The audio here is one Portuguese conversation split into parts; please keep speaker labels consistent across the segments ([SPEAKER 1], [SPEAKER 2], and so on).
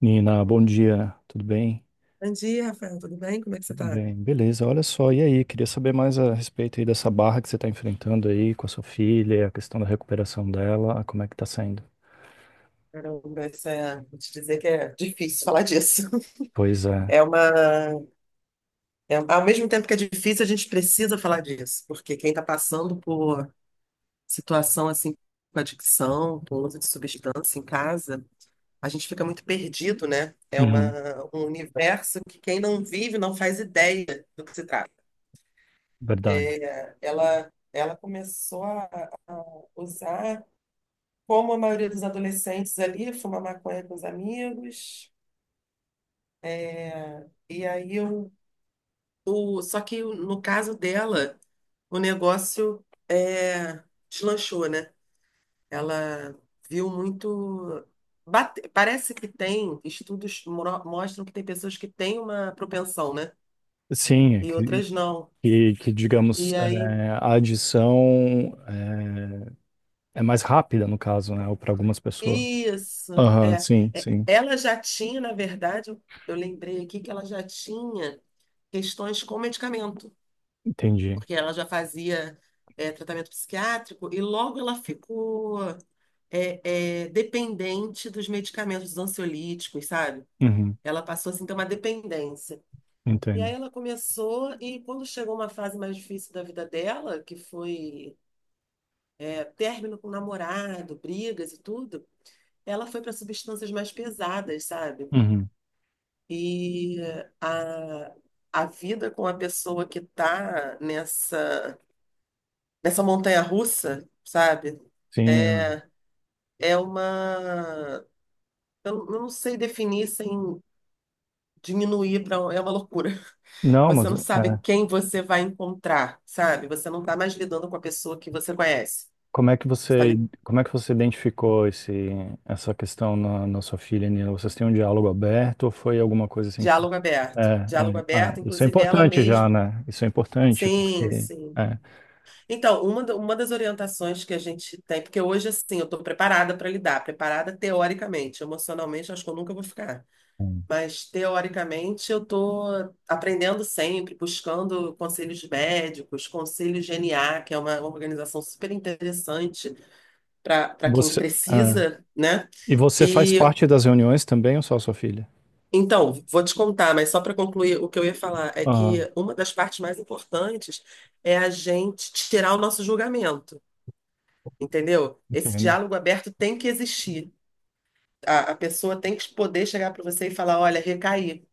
[SPEAKER 1] Nina, bom dia, tudo bem?
[SPEAKER 2] Bom dia, Rafael. Tudo bem? Como é que você
[SPEAKER 1] Tudo
[SPEAKER 2] está?
[SPEAKER 1] bem, beleza. Olha só, e aí, queria saber mais a respeito aí dessa barra que você está enfrentando aí com a sua filha, a questão da recuperação dela, como é que tá saindo?
[SPEAKER 2] Caramba, isso é, vou te dizer que é difícil falar disso.
[SPEAKER 1] Pois é.
[SPEAKER 2] É uma, ao mesmo tempo que é difícil, a gente precisa falar disso, porque quem está passando por situação assim com adicção, com uso de substância em casa, a gente fica muito perdido, né? É uma,
[SPEAKER 1] Uhum,
[SPEAKER 2] um universo que quem não vive não faz ideia do que se trata.
[SPEAKER 1] verdade.
[SPEAKER 2] Ela começou a usar. Como a maioria dos adolescentes ali, fuma maconha com os amigos. E aí, só que no caso dela, o negócio é, deslanchou, né? Ela viu muito. Parece que tem, estudos mostram que tem pessoas que têm uma propensão, né?
[SPEAKER 1] Sim, é
[SPEAKER 2] E
[SPEAKER 1] que,
[SPEAKER 2] outras não.
[SPEAKER 1] que, que,
[SPEAKER 2] E
[SPEAKER 1] digamos,
[SPEAKER 2] aí,
[SPEAKER 1] é, a adição é, é mais rápida no caso, né, ou para algumas pessoas.
[SPEAKER 2] isso.
[SPEAKER 1] Aham,
[SPEAKER 2] É,
[SPEAKER 1] sim, sim,
[SPEAKER 2] Ela já tinha, na verdade, eu lembrei aqui que ela já tinha questões com medicamento.
[SPEAKER 1] entendi.
[SPEAKER 2] Porque ela já fazia tratamento psiquiátrico e logo ela ficou dependente dos medicamentos dos ansiolíticos, sabe?
[SPEAKER 1] Uhum,
[SPEAKER 2] Ela passou assim, a ter uma dependência. E aí
[SPEAKER 1] entendo.
[SPEAKER 2] ela começou, e quando chegou uma fase mais difícil da vida dela, que foi término com o namorado, brigas e tudo, ela foi para substâncias mais pesadas, sabe?
[SPEAKER 1] Uhum,
[SPEAKER 2] E a, a vida com a pessoa que está nessa Essa montanha-russa, sabe?
[SPEAKER 1] sim,
[SPEAKER 2] É, é uma. Eu não sei definir sem diminuir para. É uma loucura.
[SPEAKER 1] não,
[SPEAKER 2] Você
[SPEAKER 1] mas
[SPEAKER 2] não
[SPEAKER 1] é.
[SPEAKER 2] sabe quem você vai encontrar, sabe? Você não está mais lidando com a pessoa que você conhece.
[SPEAKER 1] Como é que
[SPEAKER 2] Está
[SPEAKER 1] você,
[SPEAKER 2] ali,
[SPEAKER 1] como é que você identificou esse, essa questão na, na sua filha, Nina? Vocês têm um diálogo aberto ou foi alguma coisa assim que você...
[SPEAKER 2] diálogo
[SPEAKER 1] É,
[SPEAKER 2] aberto. Diálogo
[SPEAKER 1] é, ah,
[SPEAKER 2] aberto,
[SPEAKER 1] isso é
[SPEAKER 2] inclusive ela
[SPEAKER 1] importante já,
[SPEAKER 2] mesma.
[SPEAKER 1] né? Isso é importante
[SPEAKER 2] Sim,
[SPEAKER 1] porque
[SPEAKER 2] sim.
[SPEAKER 1] é,
[SPEAKER 2] Então, uma das orientações que a gente tem, porque hoje, assim, eu estou preparada para lidar, preparada teoricamente, emocionalmente, acho que eu nunca vou ficar. Mas, teoricamente, eu estou aprendendo sempre, buscando conselhos médicos, conselho GNA, que é uma organização super interessante para quem
[SPEAKER 1] você é,
[SPEAKER 2] precisa, né?
[SPEAKER 1] e você faz
[SPEAKER 2] E
[SPEAKER 1] parte das reuniões também ou só a sua filha?
[SPEAKER 2] então, vou te contar, mas só para concluir, o que eu ia falar é
[SPEAKER 1] Ah,
[SPEAKER 2] que uma das partes mais importantes é a gente tirar o nosso julgamento, entendeu? Esse
[SPEAKER 1] entendo,
[SPEAKER 2] diálogo aberto tem que existir. A pessoa tem que poder chegar para você e falar: olha, recaí.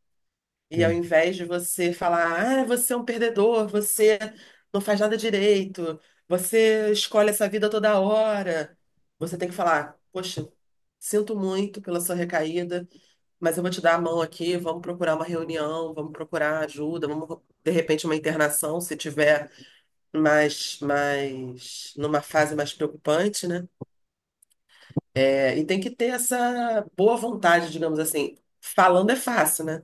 [SPEAKER 2] E ao
[SPEAKER 1] entendo.
[SPEAKER 2] invés de você falar, ah, você é um perdedor, você não faz nada direito, você escolhe essa vida toda hora, você tem que falar, poxa, sinto muito pela sua recaída, mas eu vou te dar a mão aqui, vamos procurar uma reunião, vamos procurar ajuda, vamos, de repente, uma internação, se tiver numa fase mais preocupante, né? E tem que ter essa boa vontade, digamos assim. Falando é fácil, né?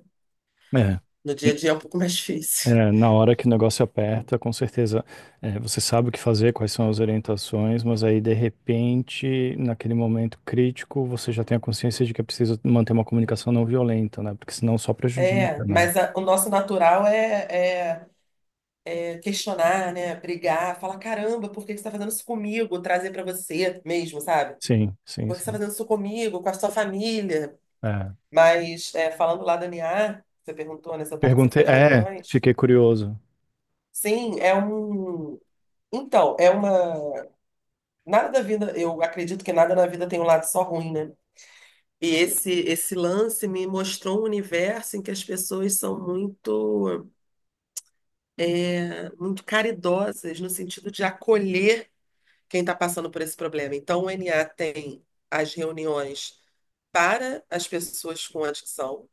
[SPEAKER 1] É.
[SPEAKER 2] No dia a dia é um pouco mais difícil.
[SPEAKER 1] É, na hora que o negócio aperta, com certeza, é, você sabe o que fazer, quais são as orientações, mas aí, de repente, naquele momento crítico, você já tem a consciência de que é preciso manter uma comunicação não violenta, né? Porque senão só prejudica,
[SPEAKER 2] É,
[SPEAKER 1] né?
[SPEAKER 2] mas o nosso natural é questionar, né? Brigar, falar, caramba, por que que você está fazendo isso comigo? Trazer para você mesmo, sabe?
[SPEAKER 1] Sim, sim,
[SPEAKER 2] Por que você está
[SPEAKER 1] sim.
[SPEAKER 2] fazendo isso comigo, com a sua família?
[SPEAKER 1] É.
[SPEAKER 2] Mas falando lá da NIA, você perguntou, né, se eu participo
[SPEAKER 1] Perguntei,
[SPEAKER 2] das
[SPEAKER 1] é,
[SPEAKER 2] reuniões.
[SPEAKER 1] fiquei curioso.
[SPEAKER 2] Sim, é um. Então, é uma. Nada da vida, eu acredito que nada na vida tem um lado só ruim, né? E esse lance me mostrou um universo em que as pessoas são muito caridosas no sentido de acolher quem está passando por esse problema. Então, o NA tem as reuniões para as pessoas com adicção,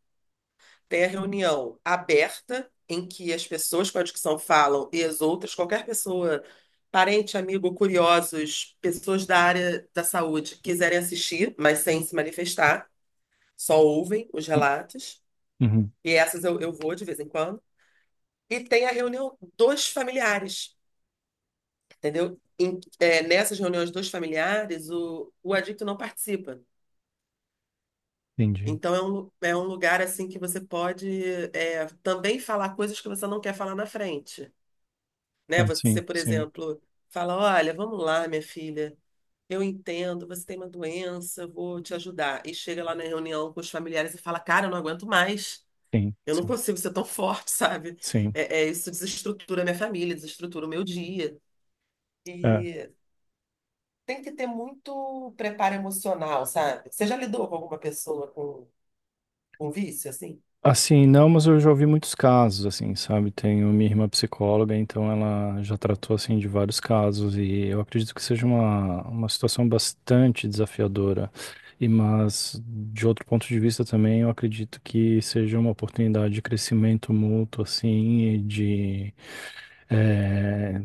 [SPEAKER 2] tem a reunião aberta, em que as pessoas com adicção falam e as outras, qualquer pessoa, parente, amigo, curiosos, pessoas da área da saúde, quiserem assistir, mas sem se manifestar, só ouvem os
[SPEAKER 1] Hum.
[SPEAKER 2] relatos.
[SPEAKER 1] Uhum,
[SPEAKER 2] E essas eu vou de vez em quando. E tem a reunião dos familiares. Entendeu? Nessas reuniões dos familiares, o adicto não participa.
[SPEAKER 1] entendi.
[SPEAKER 2] Então, é um lugar assim que você pode também falar coisas que você não quer falar na frente, né?
[SPEAKER 1] Ah,
[SPEAKER 2] Você,
[SPEAKER 1] sim,
[SPEAKER 2] por
[SPEAKER 1] sim,
[SPEAKER 2] exemplo, fala, olha, vamos lá, minha filha, eu entendo, você tem uma doença, eu vou te ajudar. E chega lá na reunião com os familiares e fala, cara, eu não aguento mais,
[SPEAKER 1] sim,
[SPEAKER 2] eu não
[SPEAKER 1] sim,
[SPEAKER 2] consigo ser tão forte, sabe?
[SPEAKER 1] sim.
[SPEAKER 2] Isso desestrutura minha família, desestrutura o meu dia.
[SPEAKER 1] É.
[SPEAKER 2] E tem que ter muito preparo emocional, sabe? Você já lidou com alguma pessoa com, vício, assim?
[SPEAKER 1] Assim, não, mas eu já ouvi muitos casos, assim, sabe? Tenho minha irmã psicóloga, então ela já tratou, assim, de vários casos e eu acredito que seja uma situação bastante desafiadora. E, mas, de outro ponto de vista também, eu acredito que seja uma oportunidade de crescimento mútuo, assim, e de, eh,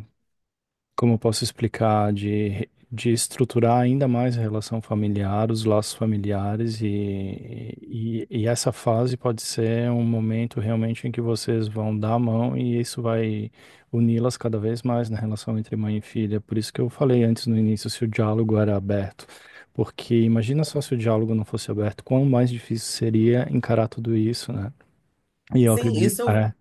[SPEAKER 1] como eu posso explicar, de estruturar ainda mais a relação familiar, os laços familiares, e essa fase pode ser um momento realmente em que vocês vão dar a mão e isso vai uni-las cada vez mais na relação entre mãe e filha. Por isso que eu falei antes no início se o diálogo era aberto. Porque imagina só se o diálogo não fosse aberto, quão mais difícil seria encarar tudo isso, né? E eu
[SPEAKER 2] Sim,
[SPEAKER 1] acredito,
[SPEAKER 2] isso eu,
[SPEAKER 1] é,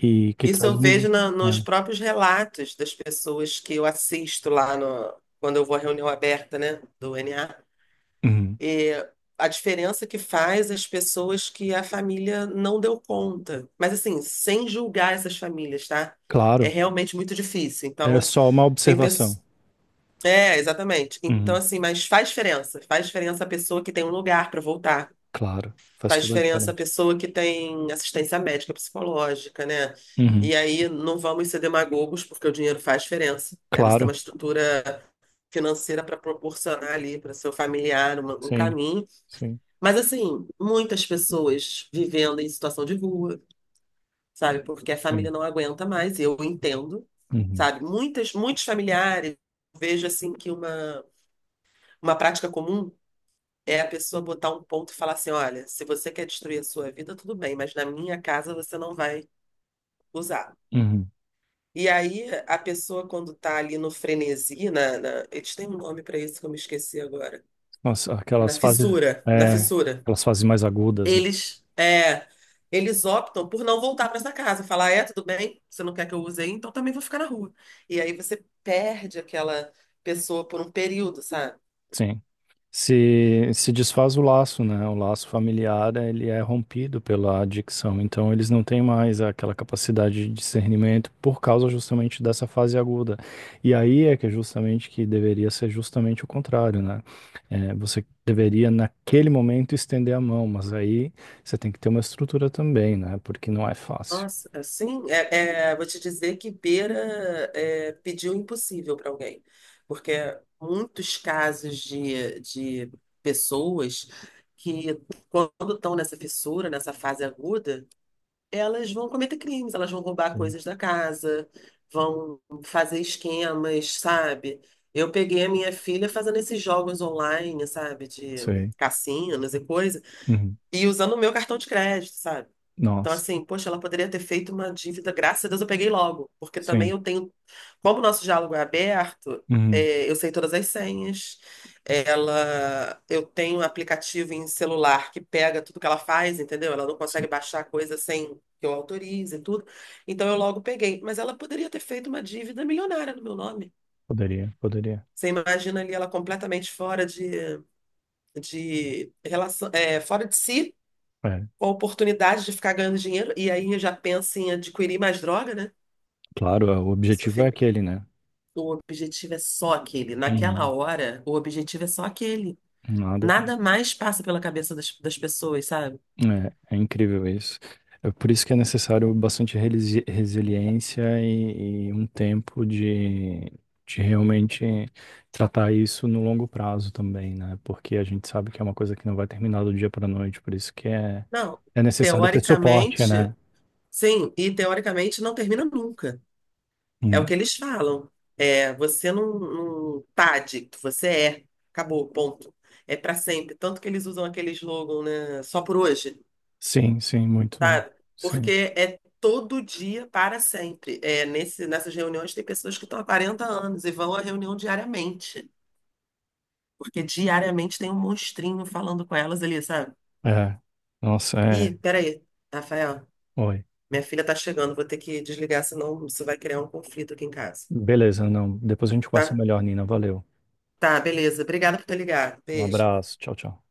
[SPEAKER 1] e que
[SPEAKER 2] isso
[SPEAKER 1] traz
[SPEAKER 2] eu vejo
[SPEAKER 1] um.
[SPEAKER 2] nos
[SPEAKER 1] É.
[SPEAKER 2] próprios relatos das pessoas que eu assisto lá no, quando eu vou à reunião aberta, né, do NA.
[SPEAKER 1] Uhum.
[SPEAKER 2] E a diferença que faz as pessoas que a família não deu conta. Mas assim, sem julgar essas famílias, tá? É
[SPEAKER 1] Claro,
[SPEAKER 2] realmente muito difícil.
[SPEAKER 1] era
[SPEAKER 2] Então,
[SPEAKER 1] só uma
[SPEAKER 2] tem
[SPEAKER 1] observação.
[SPEAKER 2] pessoas. É, exatamente. Então,
[SPEAKER 1] Uhum.
[SPEAKER 2] assim, mas faz diferença. Faz diferença a pessoa que tem um lugar para voltar.
[SPEAKER 1] Claro, faz
[SPEAKER 2] Faz
[SPEAKER 1] toda a
[SPEAKER 2] diferença a
[SPEAKER 1] diferença.
[SPEAKER 2] pessoa que tem assistência médica, psicológica, né?
[SPEAKER 1] Uhum.
[SPEAKER 2] E aí não vamos ser demagogos, porque o dinheiro faz diferença. Aí você tem
[SPEAKER 1] Claro,
[SPEAKER 2] uma estrutura financeira para proporcionar ali para seu familiar um
[SPEAKER 1] sim,
[SPEAKER 2] caminho.
[SPEAKER 1] sim,
[SPEAKER 2] Mas, assim, muitas pessoas vivendo em situação de rua, sabe? Porque a
[SPEAKER 1] sim.
[SPEAKER 2] família não aguenta mais, eu entendo,
[SPEAKER 1] Uhum.
[SPEAKER 2] sabe? Muitos familiares, eu vejo assim que uma prática comum é a pessoa botar um ponto e falar assim: olha, se você quer destruir a sua vida, tudo bem, mas na minha casa você não vai usar.
[SPEAKER 1] Uhum.
[SPEAKER 2] E aí a pessoa, quando tá ali no frenesi, eles têm um nome para isso que eu me esqueci agora.
[SPEAKER 1] Nossa,
[SPEAKER 2] Na
[SPEAKER 1] aquelas fases,
[SPEAKER 2] fissura, na
[SPEAKER 1] é,
[SPEAKER 2] fissura.
[SPEAKER 1] aquelas fases mais agudas, né?
[SPEAKER 2] Eles, é, eles optam por não voltar para essa casa, falar: tudo bem, você não quer que eu use aí, então também vou ficar na rua. E aí você perde aquela pessoa por um período, sabe?
[SPEAKER 1] Sim. Se desfaz o laço, né? O laço familiar, ele é rompido pela adicção, então eles não têm mais aquela capacidade de discernimento por causa justamente dessa fase aguda. E aí é que é justamente que deveria ser justamente o contrário, né? É, você deveria naquele momento estender a mão, mas aí você tem que ter uma estrutura também, né? Porque não é fácil.
[SPEAKER 2] Nossa, assim, vou te dizer que Beira pediu impossível para alguém, porque muitos casos de pessoas que, quando estão nessa fissura, nessa fase aguda, elas vão cometer crimes, elas vão roubar
[SPEAKER 1] Sim,
[SPEAKER 2] coisas da casa, vão fazer esquemas, sabe? Eu peguei a minha filha fazendo esses jogos online, sabe, de
[SPEAKER 1] sei.
[SPEAKER 2] cassinos e coisa,
[SPEAKER 1] Uhum.
[SPEAKER 2] e usando o meu cartão de crédito, sabe? Então,
[SPEAKER 1] Nossa,
[SPEAKER 2] assim, poxa, ela poderia ter feito uma dívida, graças a Deus eu peguei logo, porque também
[SPEAKER 1] sim.
[SPEAKER 2] eu tenho. Como o nosso diálogo é aberto,
[SPEAKER 1] Uhum.
[SPEAKER 2] eu sei todas as senhas, eu tenho um aplicativo em celular que pega tudo que ela faz, entendeu? Ela não
[SPEAKER 1] Sim.
[SPEAKER 2] consegue baixar coisa sem que eu autorize e tudo. Então, eu logo peguei. Mas ela poderia ter feito uma dívida milionária no meu nome.
[SPEAKER 1] Poderia, poderia.
[SPEAKER 2] Você imagina ali ela completamente fora de relação, fora de si
[SPEAKER 1] É.
[SPEAKER 2] com a oportunidade de ficar ganhando dinheiro, e aí já pensa em adquirir mais droga, né? A
[SPEAKER 1] Claro, é, o
[SPEAKER 2] pessoa
[SPEAKER 1] objetivo é
[SPEAKER 2] fica.
[SPEAKER 1] aquele, né?
[SPEAKER 2] O objetivo é só aquele. Naquela
[SPEAKER 1] Uhum.
[SPEAKER 2] hora, o objetivo é só aquele.
[SPEAKER 1] Nada.
[SPEAKER 2] Nada mais passa pela cabeça das pessoas, sabe?
[SPEAKER 1] É, é incrível isso. É por isso que é necessário bastante resiliência e um tempo de realmente tratar isso no longo prazo também, né? Porque a gente sabe que é uma coisa que não vai terminar do dia para a noite, por isso que é,
[SPEAKER 2] Não.
[SPEAKER 1] é necessário ter suporte,
[SPEAKER 2] Teoricamente,
[SPEAKER 1] né?
[SPEAKER 2] sim, e teoricamente não termina nunca. É o
[SPEAKER 1] Hum.
[SPEAKER 2] que eles falam. Você não tá adicto, você é. Acabou, ponto. É pra sempre. Tanto que eles usam aquele slogan, né? Só por hoje.
[SPEAKER 1] Sim, sim, muito.
[SPEAKER 2] Sabe?
[SPEAKER 1] Sim.
[SPEAKER 2] Porque é todo dia para sempre. Nessas reuniões tem pessoas que estão há 40 anos e vão à reunião diariamente, porque diariamente tem um monstrinho falando com elas ali, sabe?
[SPEAKER 1] É. Nossa, é.
[SPEAKER 2] Ih, peraí, Rafael,
[SPEAKER 1] Oi.
[SPEAKER 2] minha filha tá chegando, vou ter que desligar, senão isso vai criar um conflito aqui em casa,
[SPEAKER 1] Beleza, não. Depois a gente conversa
[SPEAKER 2] tá?
[SPEAKER 1] melhor, Nina. Valeu.
[SPEAKER 2] Tá, beleza. Obrigada por ter ligado.
[SPEAKER 1] Um
[SPEAKER 2] Beijo.
[SPEAKER 1] abraço. Tchau, tchau.